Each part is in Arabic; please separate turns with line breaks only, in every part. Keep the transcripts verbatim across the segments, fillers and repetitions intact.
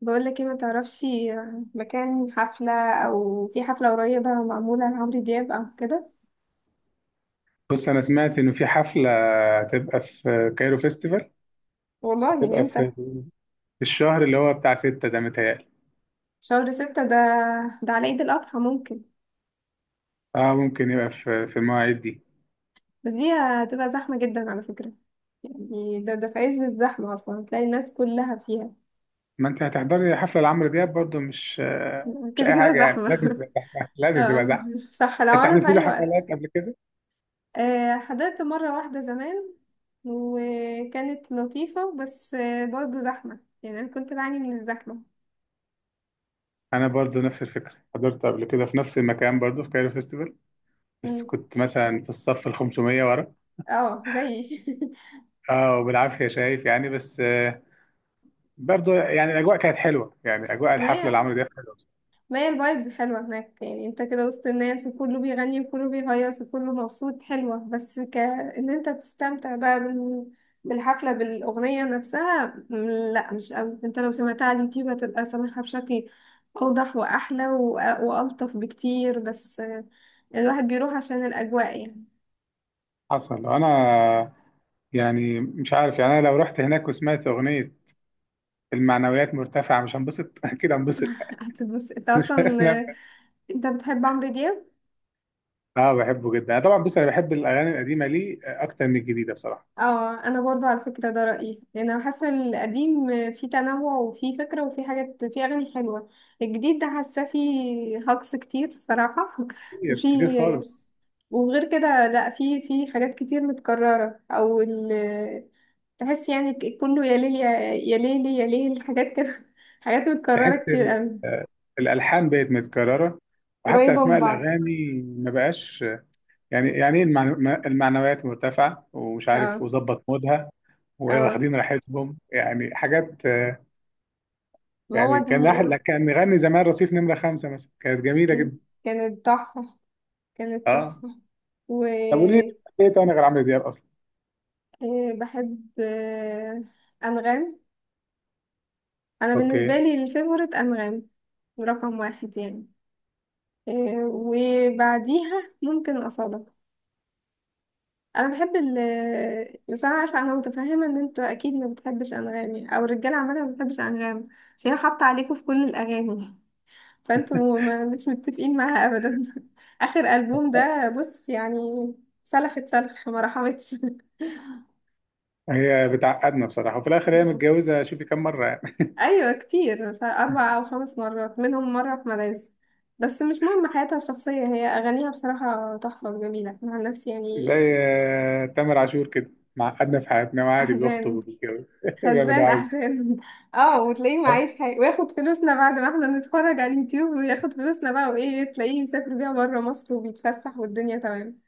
بقول لك ايه؟ ما تعرفش مكان حفلة، او في حفلة قريبة معمولة لعمرو دياب او كده.
بص انا سمعت انه في حفله هتبقى في كايرو فيستيفال.
والله
هتبقى
امتى؟
في في الشهر اللي هو بتاع ستة ده متهيألي.
شهر ستة ده ده على عيد الأضحى ممكن.
اه ممكن يبقى في في المواعيد دي.
بس دي هتبقى زحمة جدا على فكرة. يعني ده ده في عز الزحمة، أصلا تلاقي الناس كلها فيها.
ما انت هتحضري حفله لعمرو دياب برضو مش آه، مش
كده
اي
كده
حاجه، يعني لازم
زحمة
تبقى زحمه لازم تبقى
اه
زحمه.
صح. لو
انت
أنا في
حضرت له
أي
حفلات
وقت
قبل كده؟
آه، حضرت مرة واحدة زمان وكانت لطيفة، بس آه، برضه زحمة يعني، أنا كنت بعاني من الزحمة.
انا برضو نفس الفكره، حضرت قبل كده في نفس المكان برضو في كايرو فيستيفال، بس
مم.
كنت مثلا في الصف ال خمسميه ورا.
اه زيي
اه وبالعافيه شايف يعني، بس آه، برضو يعني الاجواء كانت حلوه، يعني اجواء
ما
الحفله
هي
لعمرو دياب.
ما هي الفايبز حلوة هناك، يعني انت كده وسط الناس وكله بيغني وكله بيهيص وكله مبسوط، حلوة. بس ك ان انت تستمتع بقى بال... بالحفلة بالأغنية نفسها. م- لا مش قوي، انت لو سمعتها على اليوتيوب هتبقى سامعها بشكل أوضح وأحلى و... وألطف بكتير. بس آه، الواحد بيروح عشان الأجواء يعني.
حصل. انا يعني مش عارف يعني، انا لو رحت هناك وسمعت اغنيه المعنويات مرتفعه، مش هنبسط؟ اكيد هنبسط يعني.
هتتبسط انت أصلا
اسمع.
آه، انت بتحب عمرو دياب؟
اه بحبه جدا أنا طبعا. بص انا بحب الاغاني القديمه ليه اكتر من الجديده بصراحه.
اه انا برضو على فكره ده رايي، لان انا حاسه القديم فيه تنوع وفيه فكره وفيه حاجات، فيه اغاني حلوه. الجديد ده حاسه فيه هجص كتير الصراحه
كتير كتير
وفيه،
خالص.
وغير كده لا، فيه، فيه حاجات كتير متكرره او ال... تحس يعني ك- كله يا ليل، يا يا ليل يا ليل، حاجات كده حاجات متكرره
تحس
كتير
ال-
قوي،
الالحان بقت متكرره، وحتى
قريبه
اسماء
من بعض.
الاغاني ما بقاش. يعني يعني ايه، المعنو- المعنويات مرتفعه ومش
اه
عارف وظبط مودها،
اه.
واخدين راحتهم يعني حاجات.
ما هو
يعني كان لاحق
ده-
كان نغني زمان رصيف نمره خمسه مثلا، كانت جميله جدا.
كانت تحفه، كانت
اه
تحفه.
طب قولي لي ايه تاني غير عمرو دياب اصلا؟
إيه بحب؟ إيه؟ أنغام. أنا بالنسبة
اوكي.
لي الفيفوريت أنغام، رقم واحد يعني. إيه، وبعديها ممكن أصالة. أنا بحب ال بس أنا عارفة، أنا متفهمة إن أنتوا أكيد ما بتحبش أنغام يعني، أو الرجالة عامة ما بتحبش أنغام. بس هي حاطة عليكوا في كل الأغاني فأنتوا ما مش متفقين معاها أبدا آخر ألبوم ده بص يعني، سلخت سلخ، ما رحمتش.
هي بتعقدنا بصراحه، وفي الاخر هي متجوزه، شوفي كم مره يعني.
ايوه كتير، مش عارف- اربع او خمس مرات، منهم مره في مدارس. بس مش مهم حياتها الشخصيه، هي اغانيها بصراحه تحفه وجميله أنا عن نفسي يعني.
زي آه، تامر عاشور كده، معقدنا في حياتنا وعادي بيخطب
احزان،
وبيتجوز بيعمل اللي هو
خزان
عايزه.
احزان اه، وتلاقيه معيش حاجه، وياخد فلوسنا بعد ما احنا نتفرج على اليوتيوب، وياخد فلوسنا بقى، وايه، تلاقيه مسافر بيها بره مصر وبيتفسح والدنيا تمام.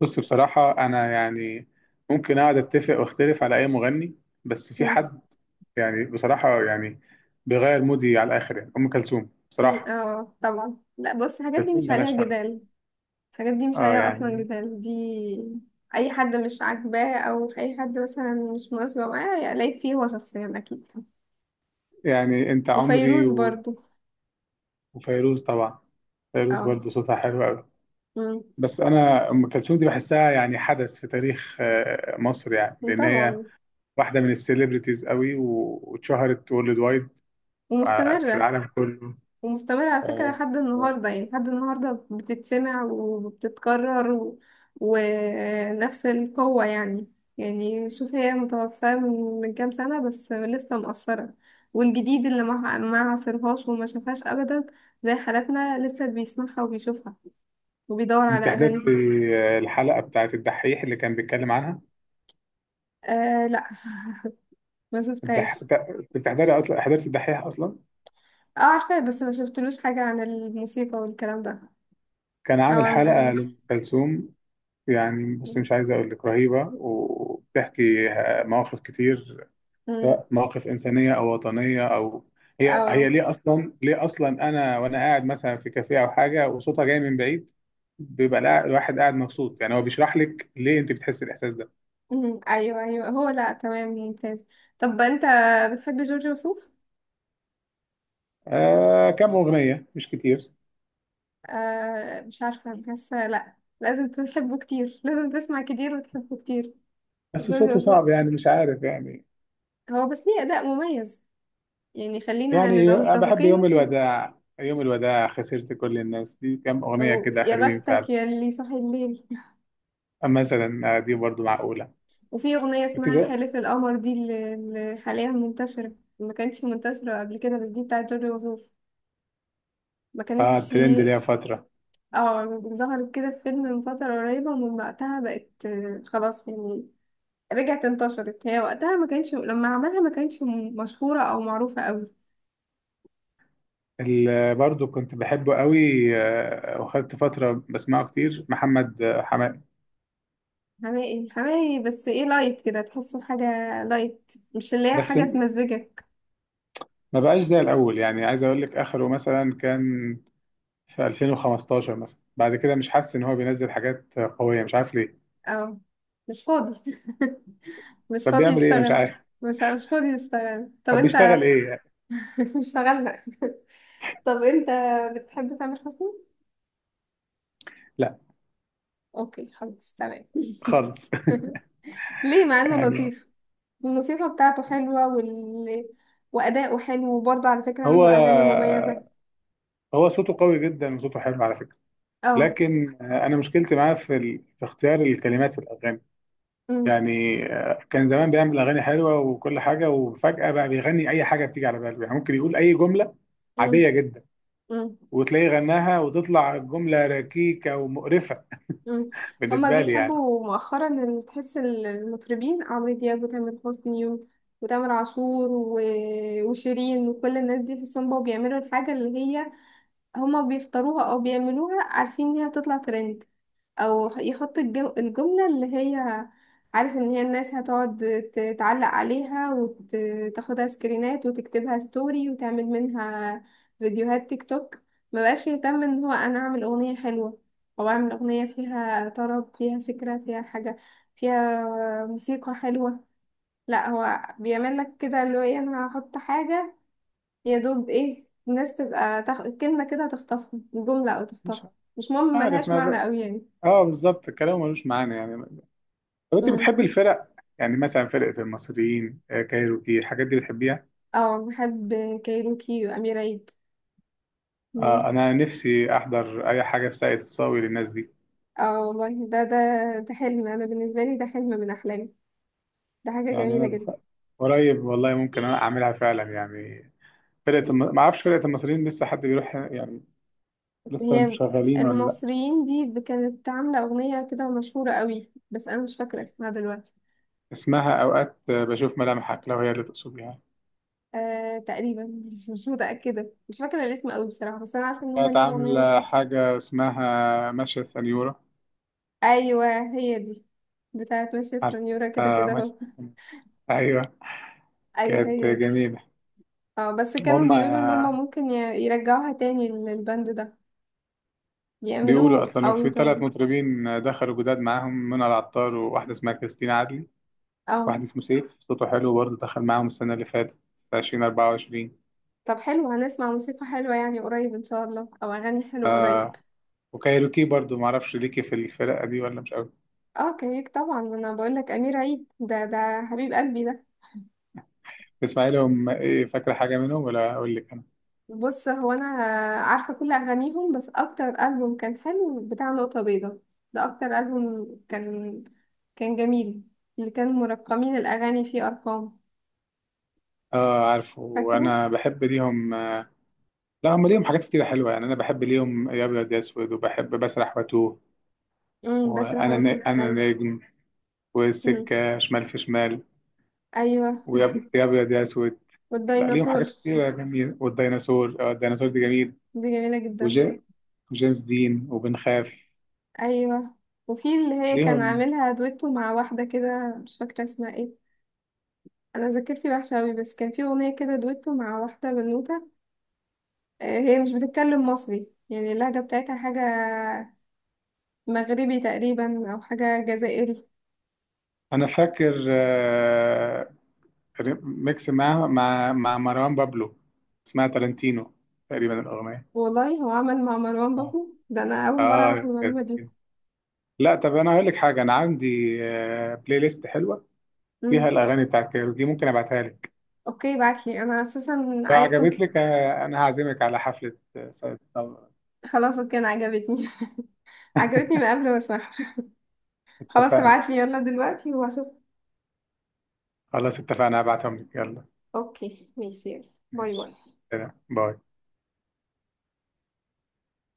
بص بصراحه انا يعني ممكن اقعد اتفق واختلف على اي مغني، بس في
مم.
حد يعني بصراحه يعني بيغير مودي على الاخر، يعني ام كلثوم
مي-
بصراحه.
اه طبعا، لا بص الحاجات
أم
دي
كلثوم
مش عليها
ملهاش حل.
جدال، الحاجات دي مش
اه
عليها اصلا
يعني،
جدال دي. اي حد مش عاجباه، او اي حد مثلا مش مناسبه معاه، يلاقي فيه هو شخصيا اكيد.
يعني انت عمري
وفيروز
و-
برضو.
وفيروز طبعا. فيروز
اه.
برضه صوتها حلو قوي.
أمم.
بس انا ام كلثوم دي بحسها يعني حدث في تاريخ آه، مصر، يعني لان هي
طبعا.
واحده من السيلبرتيز قوي و- واتشهرت وورلد وايد، آه، في
ومستمره.
العالم كله.
ومستمر على فكرة
آه،
لحد
آه.
النهاردة، يعني لحد النهاردة بتتسمع وبتتكرر و... ونفس القوة يعني. يعني شوف، هي متوفاة من من كام سنة بس لسه مؤثرة. والجديد اللي ما ما عاصرهاش وما شافهاش أبدا، زي حالاتنا، لسه بيسمعها وبيشوفها وبيدور على
انت حضرت
أغانيها.
آه، الحلقه بتاعت الدحيح اللي كان بيتكلم عنها؟
آه لا ما
الدح...
شفتهاش.
تا- بتحضري اصلا، حضرت الدحيح اصلا؟
اه عارفة، بس ما شفتلوش حاجة عن الموسيقى والكلام ده،
كان
أو
عامل
عن
حلقه
الأغاني.
لام كلثوم. يعني بص مش عايز اقول لك رهيبه، وبتحكي آه، مواقف كتير،
أمم.
سواء مواقف إنسانية أو وطنية أو هي هي
أو
ليه أصلا، ليه أصلا أنا وأنا قاعد مثلا في كافيه أو حاجة وصوتها جاي من بعيد بيبقى القاع- الواحد قاعد مبسوط، يعني هو بيشرح لك ليه أنت بتحس الإحساس ده.
مم، ايوه ايوه، هو لا، تمام، ممتاز. طب انت بتحب جورج وسوف؟
آه كم أغنية مش كتير.
آه مش عارفه، حاسه لا، لازم تحبه كتير، لازم تسمع كتير وتحبه كتير.
بس
جورج
صوته
وسوف
صعب يعني مش عارف يعني.
هو بس ليه اداء مميز، يعني خلينا
يعني
نبقى
أنا بحب يوم
متفقين.
الوداع، يوم الوداع، خسرت كل الناس، دي كم أغنية كده
ويا
حلوين
بختك
فعلا.
يا اللي صاحي الليل
مثلا آه، دي برضو معقولة.
وفي اغنيه اسمها
بتجو.
حلف القمر، دي اللي اللي حاليا منتشره، ما كانتش منتشره قبل كده. بس دي بتاعت جورج وسوف، ما
اه
كانتش.
الترند ليها فترة.
اه ظهرت كده في فيلم من فترة قريبة، ومن وقتها بقت آه، خلاص يعني، رجعت انتشرت. هي وقتها ما كانش، لما عملها ما كانش م- مشهورة او معروفة قوي.
اللي برضو كنت بحبه قوي آه، وخدت فترة بسمعه كتير، محمد آه، حماقي.
حماقي، حماقي بس ايه، لايت كده، تحسه حاجة لايت، مش اللي هي
بس
حاجة
م-
تمزجك.
ما بقاش زي الأول، يعني عايز أقول لك آخره مثلا كان في ألفين وخمستاشر، مثلا بعد كده مش حاسس إن هو بينزل حاجات آه، قوية، مش عارف ليه.
اه مش فاضي مش
طب
فاضي
بيعمل إيه مش
يشتغل.
عارف.
مش مش فاضي يشتغل، طب
طب
انت.
بيشتغل إيه يعني؟
مش اشتغلنا طب انت بتحب تامر حسني؟
لا
اوكي خلاص، تمام
خالص.
ليه؟ مع انه
يعني
لطيف، الموسيقى بتاعته حلوة وال... وأداؤه حلو، وبرضه على فكرة
هو
عنده أغاني مميزة.
هو صوته قوي جدا وصوته حلو على فكرة،
اه.
لكن آه، أنا مشكلتي معاه في ال... في اختيار الكلمات في الأغاني.
أمم.
يعني آه، كان زمان بيعمل اغاني حلوه وكل حاجه، وفجاه بقى بيغني اي حاجه بتيجي على باله، يعني ممكن يقول اي جمله
أمم.
عاديه جدا،
أمم.
وتلاقيه غناها وتطلع جمله ركيكه ومقرفه
أمم. هما
بالنسبه لي يعني.
بيحبوا مؤخرا، إن تحس ال- المطربين عمرو دياب وتامر حسني و... وتامر عاشور و... وشيرين وكل الناس دي، تحسهم بقوا بيعملوا الحاجة اللي هي، هما بيفطروها أو بيعملوها عارفين إنها تطلع ترند، او يحط الجو الجملة اللي هي، عارف ان هي الناس هتقعد ت- تعلق عليها وتاخدها سكرينات وتكتبها ستوري وتعمل منها فيديوهات تيك توك. ما بقاش يهتم ان هو انا اعمل اغنية حلوة، او اعمل اغنية فيها طرب فيها فكرة فيها حاجة فيها موسيقى حلوة. لا هو بيعمل لك كده، اللي هو ايه انا هحط حاجة، يا دوب ايه الناس تبقى تخ... كلمة كده تخطفها، جملة او
مش
تخطفها، مش مهم
عارف
ملهاش
ما
معنى
ب...
قوي،
اه بالظبط الكلام ملوش معنى يعني. طب انت
يعني.
بتحب الفرق؟ يعني مثلا فرقه المصريين، آه، كايروكي، الحاجات دي بتحبيها؟
اه بحب كايروكي وأمير عيد،
آه
ممكن.
انا نفسي احضر اي حاجه في ساقية الصاوي للناس دي.
اه والله، ده ده ده حلم، أنا بالنسبة لي ده حلم من أحلامي، ده حاجة
يعني انا
جميلة
بف...
جدا.
قريب والله ممكن انا اعملها فعلا يعني. فرقة الم... ما اعرفش فرقة المصريين لسه حد بيروح يعني؟ لسه
هي
شغالين ولا لا؟
المصريين دي ب- كانت عاملة أغنية كده مشهورة قوي، بس أنا مش فاكرة اسمها دلوقتي.
اسمها اوقات بشوف ملامحك، لو هي اللي تقصد يعني.
آه تقريبا، مش مش متأكدة، مش فاكرة الاسم قوي بصراحة. بس أنا عارفة إن هما
كانت
ليهم أغنية
عاملة
مشهورة.
حاجة اسمها ماشية سنيورة.
أيوة هي دي، بتاعت ماشية
عارف.
السنيورة، كده
آه
كده
ماشية
أهو.
سنيورة. ايوه
أيوة
كانت
هي دي.
جميلة.
اه بس كانوا
وهم
بيقولوا إن هما
آه،
ممكن ي- يرجعوها تاني للبند ده،
بيقولوا
يعملوه
اصلا
او
في ثلاث
يطوروا.
مطربين دخلوا جداد معاهم، منى العطار وواحدة اسمها كريستين عدلي،
اه.
واحد اسمه سيف صوته حلو برضه دخل معاهم السنة اللي فاتت في ألفين واربعه وعشرين.
طب حلو، هنسمع موسيقى حلوة يعني قريب ان شاء الله، او اغاني حلوة قريب.
آه وكايروكي برضه معرفش ليكي في الفرقة دي ولا مش قوي؟
اه كيك طبعا، ما انا بقول لك امير عيد ده، ده حبيب قلبي ده.
تسمعي لهم ايه؟ فاكرة حاجة منهم ولا اقول لك انا؟
بص هو انا عارفة كل اغانيهم، بس اكتر ألبوم كان حلو بتاع نقطة بيضاء، ده اكتر ألبوم كان، كان جميل، اللي كان مرقمين الاغاني فيه ارقام.
اه عارفه.
فاكره.
وانا بحب ليهم آه، لا هم ليهم حاجات كتيرة حلوة يعني، انا بحب ليهم يا ابيض يا اسود، وبحب بسرح واتوه،
امم بس
وانا ن-
حاولته.
انا
ايوه.
نجم،
امم.
والسكة شمال في شمال،
ايوه.
ويا أب- يا ابيض يا اسود. لا ليهم
والديناصور
حاجات كتيرة جميلة، والديناصور، اه الديناصور دي جميل.
دي جميلة جدا.
وجي- وجيمس دين، وبنخاف
ايوه. وفي اللي هي كان
ليهم.
عاملها دويتو مع واحدة كده، مش فاكرة اسمها ايه، انا ذاكرتي وحشة اوي. بس كان في اغنية كده دويتو مع واحدة بنوتة، آه، هي مش بتتكلم مصري يعني، اللهجة بتاعتها حاجة مغربي تقريبا او حاجة جزائري.
انا فاكر آه، ميكس معاهم مع مع مروان بابلو، اسمها تالنتينو تقريبا الاغنية.
والله هو عمل مع مروان بابلو ده؟ انا اول مرة اعرف
اه كانت
المعلومة دي.
جميلة. لا طب انا هقول لك حاجه، انا عندي آه، بلاي ليست حلوه فيها
مم.
الاغاني بتاعت كايروكي، ممكن ابعتها لك.
اوكي بعتلي، انا اساسا
لو
اي كنت.
عجبت لك آه، انا هعزمك على حفله آه، سعيد صبري.
خلاص كان عجبتني عجبتني من قبل ما اسمعها. خلاص
اتفقنا.
ابعتلي يلا دلوقتي وهشوف.
خلاص اتفقنا، هبعتهم لك يلا.
اوكي ماشي، يلا باي
ماشي
باي.
سلام باي.